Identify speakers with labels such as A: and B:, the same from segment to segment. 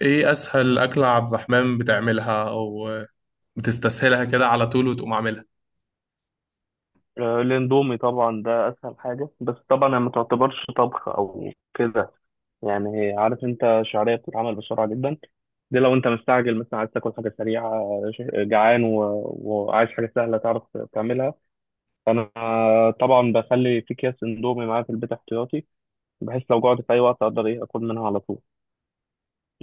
A: ايه اسهل اكلة عبد الرحمن بتعملها او بتستسهلها كده على طول وتقوم عاملها؟
B: آه، الاندومي طبعا ده اسهل حاجه، بس طبعا هي ما تعتبرش طبخ او كده. يعني عارف انت، شعريه بتتعمل بسرعه جدا، دي لو انت مستعجل مثلا عايز تاكل حاجه سريعه. جعان وعايز حاجه سهله تعرف تعملها، فانا طبعا بخلي في اكياس اندومي معايا في البيت احتياطي، بحيث لو جوعت في اي وقت اقدر ايه اكل منها على طول.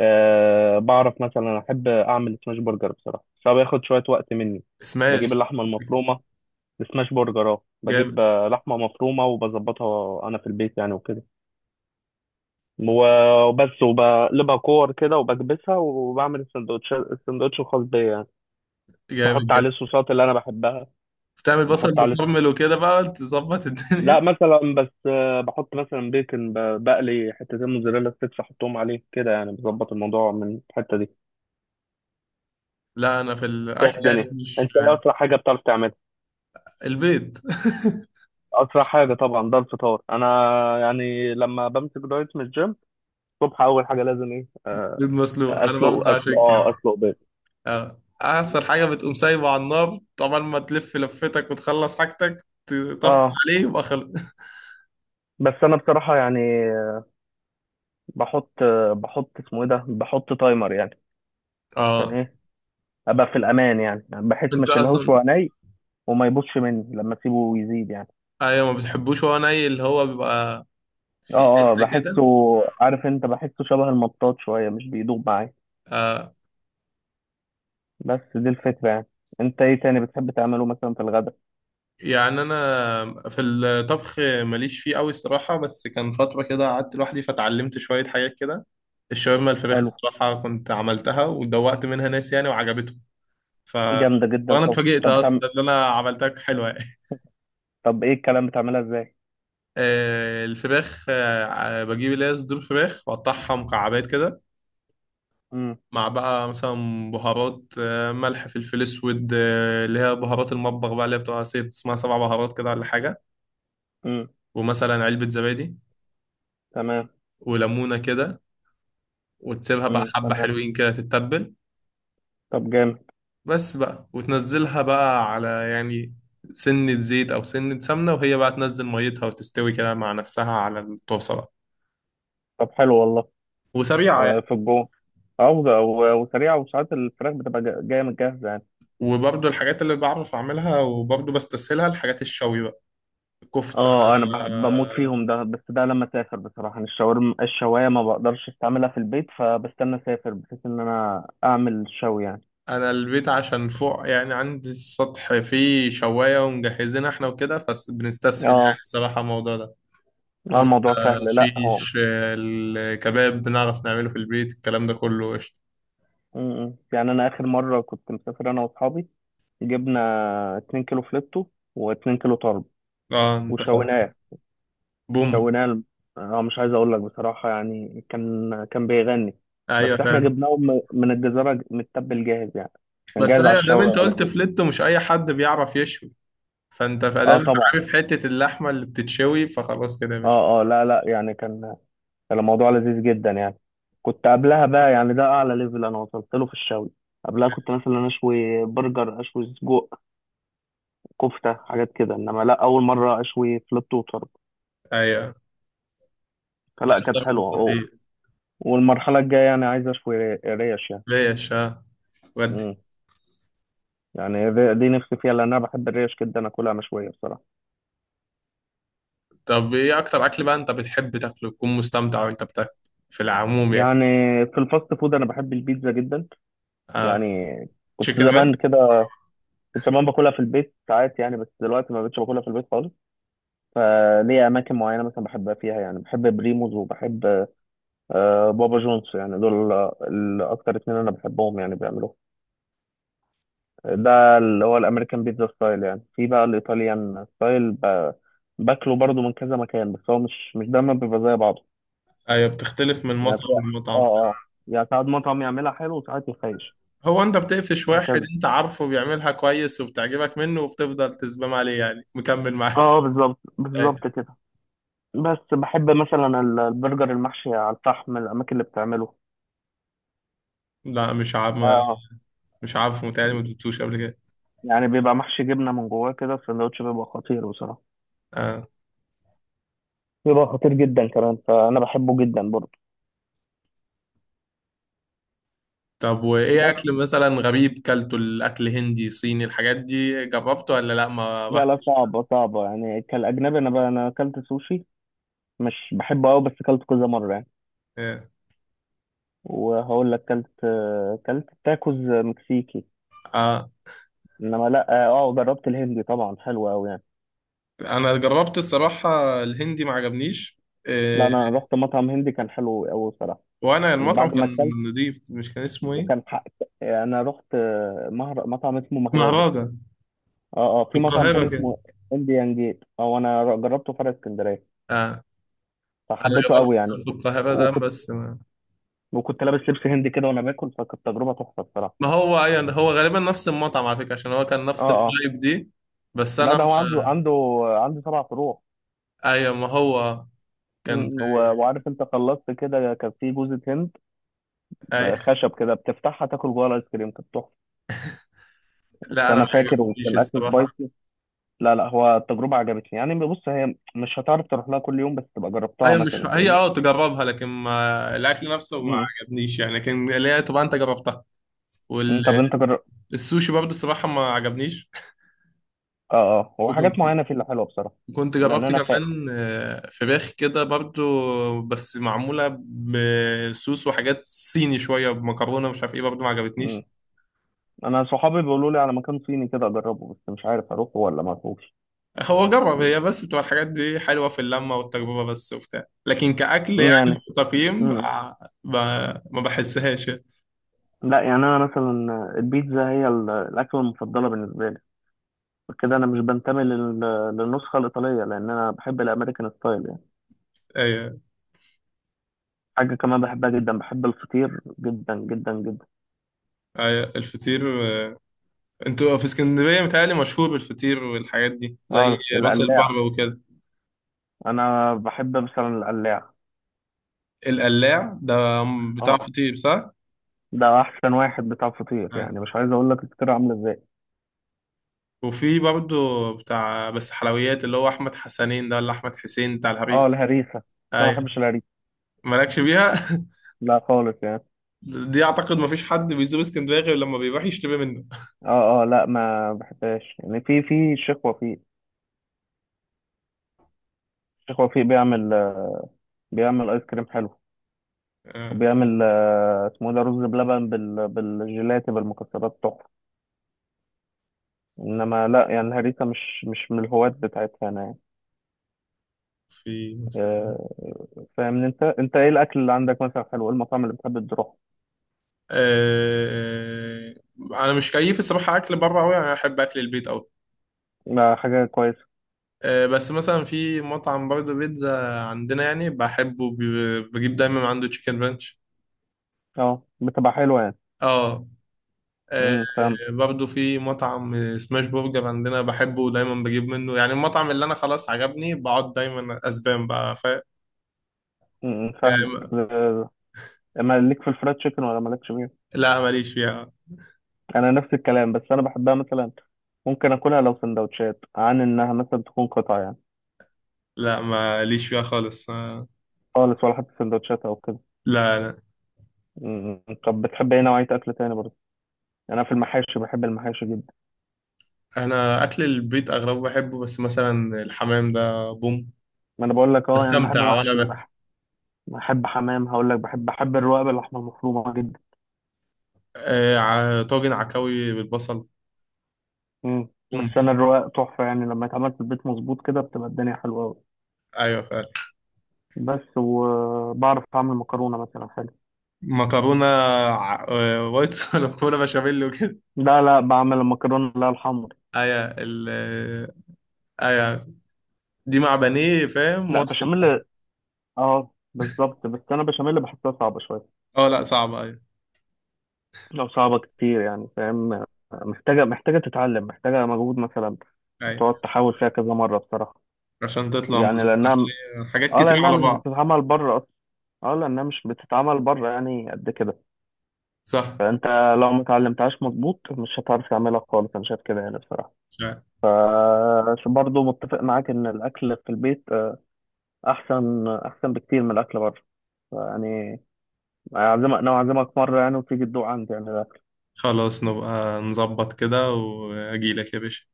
B: أه، بعرف مثلا احب اعمل سماش برجر بصراحه، فبياخد شويه وقت مني. بجيب
A: سماش.
B: اللحمه المفرومه سماش برجر، بجيب
A: جامد.
B: لحمه مفرومه وبظبطها انا في البيت يعني وكده. وبس، وبقلبها كور كده وبكبسها، وبعمل السندوتش الخاص بيا يعني،
A: جامد
B: بحط عليه
A: جدا.
B: الصوصات اللي انا بحبها.
A: بتعمل بصل
B: بحط عليه
A: مكرمل وكده بقى تظبط
B: لا،
A: الدنيا؟
B: مثلا بس بحط مثلا بيكن، بقلي حتتين موزاريلا ستيكس احطهم عليه كده يعني، بظبط الموضوع من الحته دي.
A: لا انا في
B: انت
A: الاكل
B: إيه
A: يعني
B: الدنيا؟
A: مش
B: انت ايه اسرع حاجه بتعرف تعملها؟
A: البيض.
B: اسرع حاجه طبعا ده الفطار انا، يعني لما بمسك دايت من الجيم، الصبح اول حاجه لازم ايه،
A: بيض مسلوق انا ببدأ عشان كده.
B: اسلق بيض.
A: اه، احسن حاجة بتقوم سايبه على النار، طبعا ما تلف لفتك وتخلص حاجتك، تطفي
B: اه،
A: عليه يبقى خلص.
B: بس انا بصراحه يعني، بحط بحط اسمه ايه ده، بحط تايمر يعني، عشان
A: اه
B: ايه؟ ابقى في الامان يعني، بحيث ما
A: انت
B: اشيلهوش
A: اصلا
B: وهو ني، وما يبوظش مني لما اسيبه يزيد يعني.
A: ايوه، ما بتحبوش هو ني اللي هو بيبقى في
B: اه اه،
A: حته
B: بحسه،
A: كده.
B: عارف انت، بحسه شبه المطاط شويه، مش بيدوب معايا.
A: آه.
B: بس دي الفكره يعني. انت ايه تاني بتحب تعمله مثلا في الغداء؟
A: يعني انا في الطبخ ماليش فيه قوي الصراحه، بس كان فتره كده قعدت لوحدي فتعلمت شويه حاجات كده. الشاورما، الفراخ
B: حلو،
A: الصراحه كنت عملتها ودوقت منها ناس يعني وعجبتهم. ف
B: جامده جدا.
A: وانا
B: طب
A: اتفاجئت
B: طب بتعمل
A: اصلا ان انا عملتها حلوه يعني.
B: طب ايه الكلام بتعملها ازاي؟
A: الفراخ بجيب اللي هي صدور فراخ واقطعها مكعبات كده.
B: امم،
A: مع بقى مثلا بهارات، ملح، فلفل اسود، اللي هي بهارات المطبخ بقى، اللي هي بتبقى ست اسمها سبع بهارات كده ولا حاجه.
B: امم
A: ومثلا علبه زبادي
B: تمام،
A: وليمونه كده، وتسيبها بقى حبة
B: تمام،
A: حلوين كده تتبل.
B: طب جامد،
A: بس بقى وتنزلها بقى على يعني سنة زيت أو سنة سمنة، وهي بقى تنزل ميتها وتستوي كده مع نفسها على الطاسة بقى.
B: طب حلو والله.
A: وسريعة يعني.
B: في الجو عوضة، وسريعة، وساعات الفراخ بتبقى جاية من جاهزة يعني.
A: وبرضو الحاجات اللي بعرف أعملها وبرضو بستسهلها الحاجات الشوي بقى. كفتة.
B: اه، انا بموت
A: آه،
B: فيهم ده، بس ده لما اسافر بصراحة. أنا الشاورما الشواية ما بقدرش استعملها في البيت، فبستنى اسافر بحيث ان انا اعمل شوي يعني.
A: أنا البيت عشان فوق يعني عندي السطح فيه شواية ومجهزين احنا وكده، فبنستسهل يعني
B: اه،
A: الصراحة الموضوع ده. كفتة،
B: الموضوع سهل لا هو.
A: شيش، الكباب بنعرف نعمله في البيت، الكلام ده كله قشطة.
B: م- م. يعني انا اخر مرة كنت مسافر انا واصحابي، جبنا 2 كيلو فليتو و2 كيلو طرب،
A: اه، انت فاهم.
B: وشويناه،
A: بوم.
B: له. اه، مش عايز اقول لك بصراحه، يعني كان بيغني. بس
A: ايوه،
B: احنا
A: فعلا.
B: جبناه من الجزيره متبل جاهز يعني، كان
A: بس
B: جاهز على
A: ايوه، دام
B: الشوي
A: انت
B: على
A: قلت
B: طول.
A: فليت، مش اي حد بيعرف يشوي، فانت
B: اه
A: فدام
B: طبعا.
A: عارف حته اللحمه اللي بتتشوي فخلاص كده يا باشا.
B: اه اه، لا لا، يعني كان الموضوع لذيذ جدا يعني. كنت قبلها بقى يعني، ده اعلى ليفل انا وصلت له في الشوي، قبلها كنت مثلا اشوي برجر، اشوي سجق، كفته، حاجات كده، انما لا، اول مره اشوي فلت وطرب،
A: ايوه. لا،
B: فلا كانت
A: طب
B: حلوه اه.
A: خطير.
B: والمرحله الجايه يعني عايز اشوي ريش،
A: ليش، اه. ودي.
B: يعني يعني دي نفسي فيها، لان انا بحب الريش جدا اكلها مشويه بصراحه.
A: طب ايه اكتر اكل بقى انت بتحب تاكله تكون مستمتع وانت بتاكل، في العموم يعني؟
B: يعني في الفاست فود انا بحب البيتزا جدا
A: اه،
B: يعني. كنت
A: تشيكن رينج.
B: زمان كده، كنت زمان باكلها في البيت ساعات يعني، بس دلوقتي ما بقتش باكلها في البيت خالص، فليا اماكن معينه مثلا بحبها فيها يعني، بحب بريموز، وبحب بابا جونز، يعني دول الاكتر اتنين انا بحبهم يعني بيعملوه، ده اللي هو الامريكان بيتزا ستايل يعني. في بقى الايطاليان ستايل، باكله برضو من كذا مكان، بس هو مش دايما بيبقى زي بعضه
A: ايوه، بتختلف من
B: يعني.
A: مطعم
B: اه
A: لمطعم فعلا.
B: اه، يعني ساعات مطعم يعملها حلو، وساعات يخيش.
A: هو انت بتقفش واحد
B: هكذا.
A: انت عارفه بيعملها كويس وبتعجبك منه، وبتفضل تزبم عليه يعني مكمل
B: اه،
A: معاه.
B: بالظبط
A: أيوة.
B: بالظبط كده. بس بحب مثلا البرجر المحشي على الفحم، الاماكن اللي بتعمله
A: لا، مش عارف.
B: ده آه.
A: مش عارف، متهيألي ما دوتوش قبل كده.
B: يعني بيبقى محشي جبنه من جواه كده، السندوتش بيبقى خطير بصراحه،
A: اه.
B: بيبقى خطير جدا كمان، فانا بحبه جدا برضه.
A: طب وايه
B: بس
A: اكل مثلا غريب كلته؟ الاكل هندي، صيني، الحاجات دي جربته ولا لا ما
B: لا لا،
A: رحتش؟
B: صعبه صعبه يعني، كالاجنبي انا بقى، انا اكلت سوشي، مش بحبه قوي بس اكلت كذا مره يعني،
A: اه.
B: وهقول لك اكلت، تاكوز مكسيكي.
A: آه.
B: انما لا، اه جربت الهندي طبعا حلو قوي يعني.
A: انا جربت الصراحة الهندي ما عجبنيش.
B: لا،
A: آه.
B: انا رحت مطعم هندي كان حلو قوي بصراحه،
A: وانا المطعم
B: وبعد ما
A: كان
B: اكلت،
A: نضيف، مش كان اسمه ايه؟
B: وكان حق. انا رحت مطعم اسمه مهرجة.
A: مهرجان.
B: اه اه،
A: في
B: في مطعم
A: القاهرة
B: تاني
A: كده.
B: اسمه انديان جيت، اه، انا جربته في فرع اسكندريه
A: اه. انا
B: فحبيته
A: جربت
B: قوي يعني.
A: في القاهرة ده
B: وكنت
A: بس ما.
B: وكنت لابس لبس هندي كده وانا باكل، فكانت تجربه تحفه بصراحه.
A: ما هو ايوه، هو غالبا نفس المطعم على فكرة عشان هو كان نفس
B: اه اه،
A: الفايب دي. بس
B: لا،
A: انا
B: ده
A: ما...
B: هو عنده سبع فروع.
A: ايوه، ما هو كان
B: وعارف انت، خلصت كده كان في جوزة هند،
A: آه،
B: خشب كده بتفتحها تاكل جوه، الايس كريم كانت تحفة.
A: لا، انا
B: فانا
A: ما
B: فاكر، وكان
A: عجبنيش
B: الاكل
A: الصراحه.
B: سبايسي. لا لا، هو التجربه عجبتني يعني، بص هي مش هتعرف تروح لها كل يوم بس تبقى جربتها
A: هي مش
B: مثلا،
A: هي
B: فاهمني؟
A: اه تجربها، لكن ما... الاكل نفسه ما
B: امم.
A: عجبنيش يعني، لكن اللي هي طبعا انت جربتها.
B: أمم، طب انت جرب.
A: والسوشي برضه الصراحه ما عجبنيش.
B: اه اه، هو حاجات
A: وكنت
B: معينه فيه اللي حلوه بصراحه.
A: كنت
B: لان
A: جربت
B: انا
A: كمان فراخ كده برضه، بس معموله بصوص وحاجات صيني شويه، بمكرونه مش عارف ايه، برضه ما
B: أمم.
A: عجبتنيش.
B: انا صحابي بيقولوا لي على مكان صيني كده اجربه، بس مش عارف اروحه ولا ما اروحش.
A: هو جرب، هي بس بتبقى الحاجات دي حلوه في اللمه والتجربه بس وبتاع، لكن كاكل
B: أمم،
A: يعني
B: يعني،
A: تقييم
B: أمم.
A: ما بحسهاش يعني.
B: لا، يعني انا مثلا البيتزا هي الاكله المفضله بالنسبه لي كده. انا مش بنتمي للنسخه الايطاليه لان انا بحب الامريكان ستايل.
A: ايوه.
B: حاجة كمان بحبها جدا، بحب الفطير جدا جدا جدا.
A: أيوة، الفطير. انتوا في اسكندرية متهيألي مشهور بالفطير والحاجات دي، زي
B: اه
A: راس
B: القلاع.
A: البر وكده.
B: انا بحب مثلا القلاع.
A: القلاع ده بتاع
B: اه،
A: فطير صح؟
B: ده احسن واحد بتاع فطير
A: يعني.
B: يعني، مش عايز اقول لك الفطير عامله ازاي.
A: وفي برضه بتاع بس حلويات، اللي هو أحمد حسنين ده ولا أحمد حسين، بتاع
B: اه
A: الهريسة.
B: الهريسه بس. انا ما
A: أيوة.
B: بحبش الهريسه،
A: مالكش بيها.
B: لا خالص يعني.
A: دي أعتقد مفيش حد بيزور اسكندرية غير لما بيروح يشتري منه.
B: اه اه، لا، ما بحبهاش يعني. في الشيخ وفيق، الشيخ وفيق بيعمل، ايس كريم حلو،
A: آه،
B: وبيعمل اسمه إيه ده، رز بلبن بالجيلاتي بالمكسرات تحفه. انما لا يعني الهريسه مش من الهواة بتاعتها انا يعني.
A: في مثلا.
B: آه، فاهمني انت ايه الاكل اللي عندك مثلا حلو، ايه المطاعم اللي بتحب تروح؟
A: أنا مش كيف الصراحة أكل بره أوي، أنا أحب أكل البيت أوي.
B: ما حاجه كويسه.
A: بس مثلا في مطعم برضه بيتزا عندنا يعني بحبه، بجيب دايما من عنده تشيكن رانش.
B: اه، بتبقى حلوه يعني.
A: اه. آه.
B: امم، فاهم.
A: برضه في مطعم سماش برجر عندنا بحبه، دايما بجيب منه، يعني المطعم اللي انا خلاص عجبني بقعد دايما اسبان بقى، فاهم
B: امم،
A: يعني؟
B: فاهمك آه، اما ليك في الفرايد تشيكن ولا مالكش فيها؟
A: لا، ماليش فيها.
B: انا نفس الكلام، بس انا بحبها مثلا، ممكن اكلها لو سندوتشات عن انها مثلا تكون قطع يعني،
A: لا، ماليش فيها خالص. آه.
B: خالص، ولا حتى سندوتشات او كده.
A: لا، لا.
B: امم. طب بتحب ايه نوعيه اكل تاني برضه؟ يعني انا في المحاشي بحب المحاشي جدا.
A: انا اكل البيت اغلبه بحبه، بس مثلا الحمام ده بوم،
B: ما انا بقول لك، اه يعني بحب
A: بستمتع وانا
B: محشي،
A: باكل.
B: بحب حمام، هقول لك بحب الرقاب، اللحمه المفرومه جدا.
A: طاجن عكاوي بالبصل
B: مم، بس
A: بوم ده.
B: انا الرواق تحفه يعني، لما يتعمل في البيت مظبوط كده بتبقى الدنيا حلوه قوي.
A: ايوه.
B: بس، وبعرف اعمل مكرونه مثلا حلو.
A: مكرونه. وايت صوص، ولا مكرونه بشاميل وكده.
B: لا لا، بعمل المكرونه لا الحمر.
A: ايوه، ال. ايوه. دي مع بانيه فاهم،
B: لا
A: مصيف.
B: بشاميل. اه بالظبط، بس انا بشاميل بحسها صعبه شويه،
A: اه، لا صعبه، ايوه.
B: لو صعبه كتير يعني، فاهم، محتاجه تتعلم، محتاجه مجهود مثلا،
A: ايوه،
B: تقعد تحاول فيها كذا مره بصراحه،
A: عشان تطلع
B: يعني
A: مظبوط، عشان
B: لانها،
A: هي حاجات
B: اه
A: كتير
B: لانها
A: على
B: مش
A: بعض.
B: بتتعمل بره اصلا، اه لانها مش بتتعمل بره يعني قد كده.
A: صح.
B: فانت لو ما اتعلمتهاش مظبوط مش هتعرف تعملها خالص، انا شايف كده يعني بصراحه.
A: مش عارف.
B: ف برضه متفق معاك ان الاكل في البيت، احسن، احسن بكتير من الاكل بره يعني. انا اعزمك مره يعني، وتيجي تدوق عندي يعني الاكل.
A: خلاص، نبقى نظبط كده واجيلك يا باشا.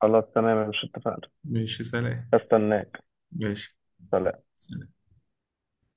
B: خلاص تمام، مش اتفقنا؟
A: ماشي، سلام.
B: استناك.
A: ماشي، سلام.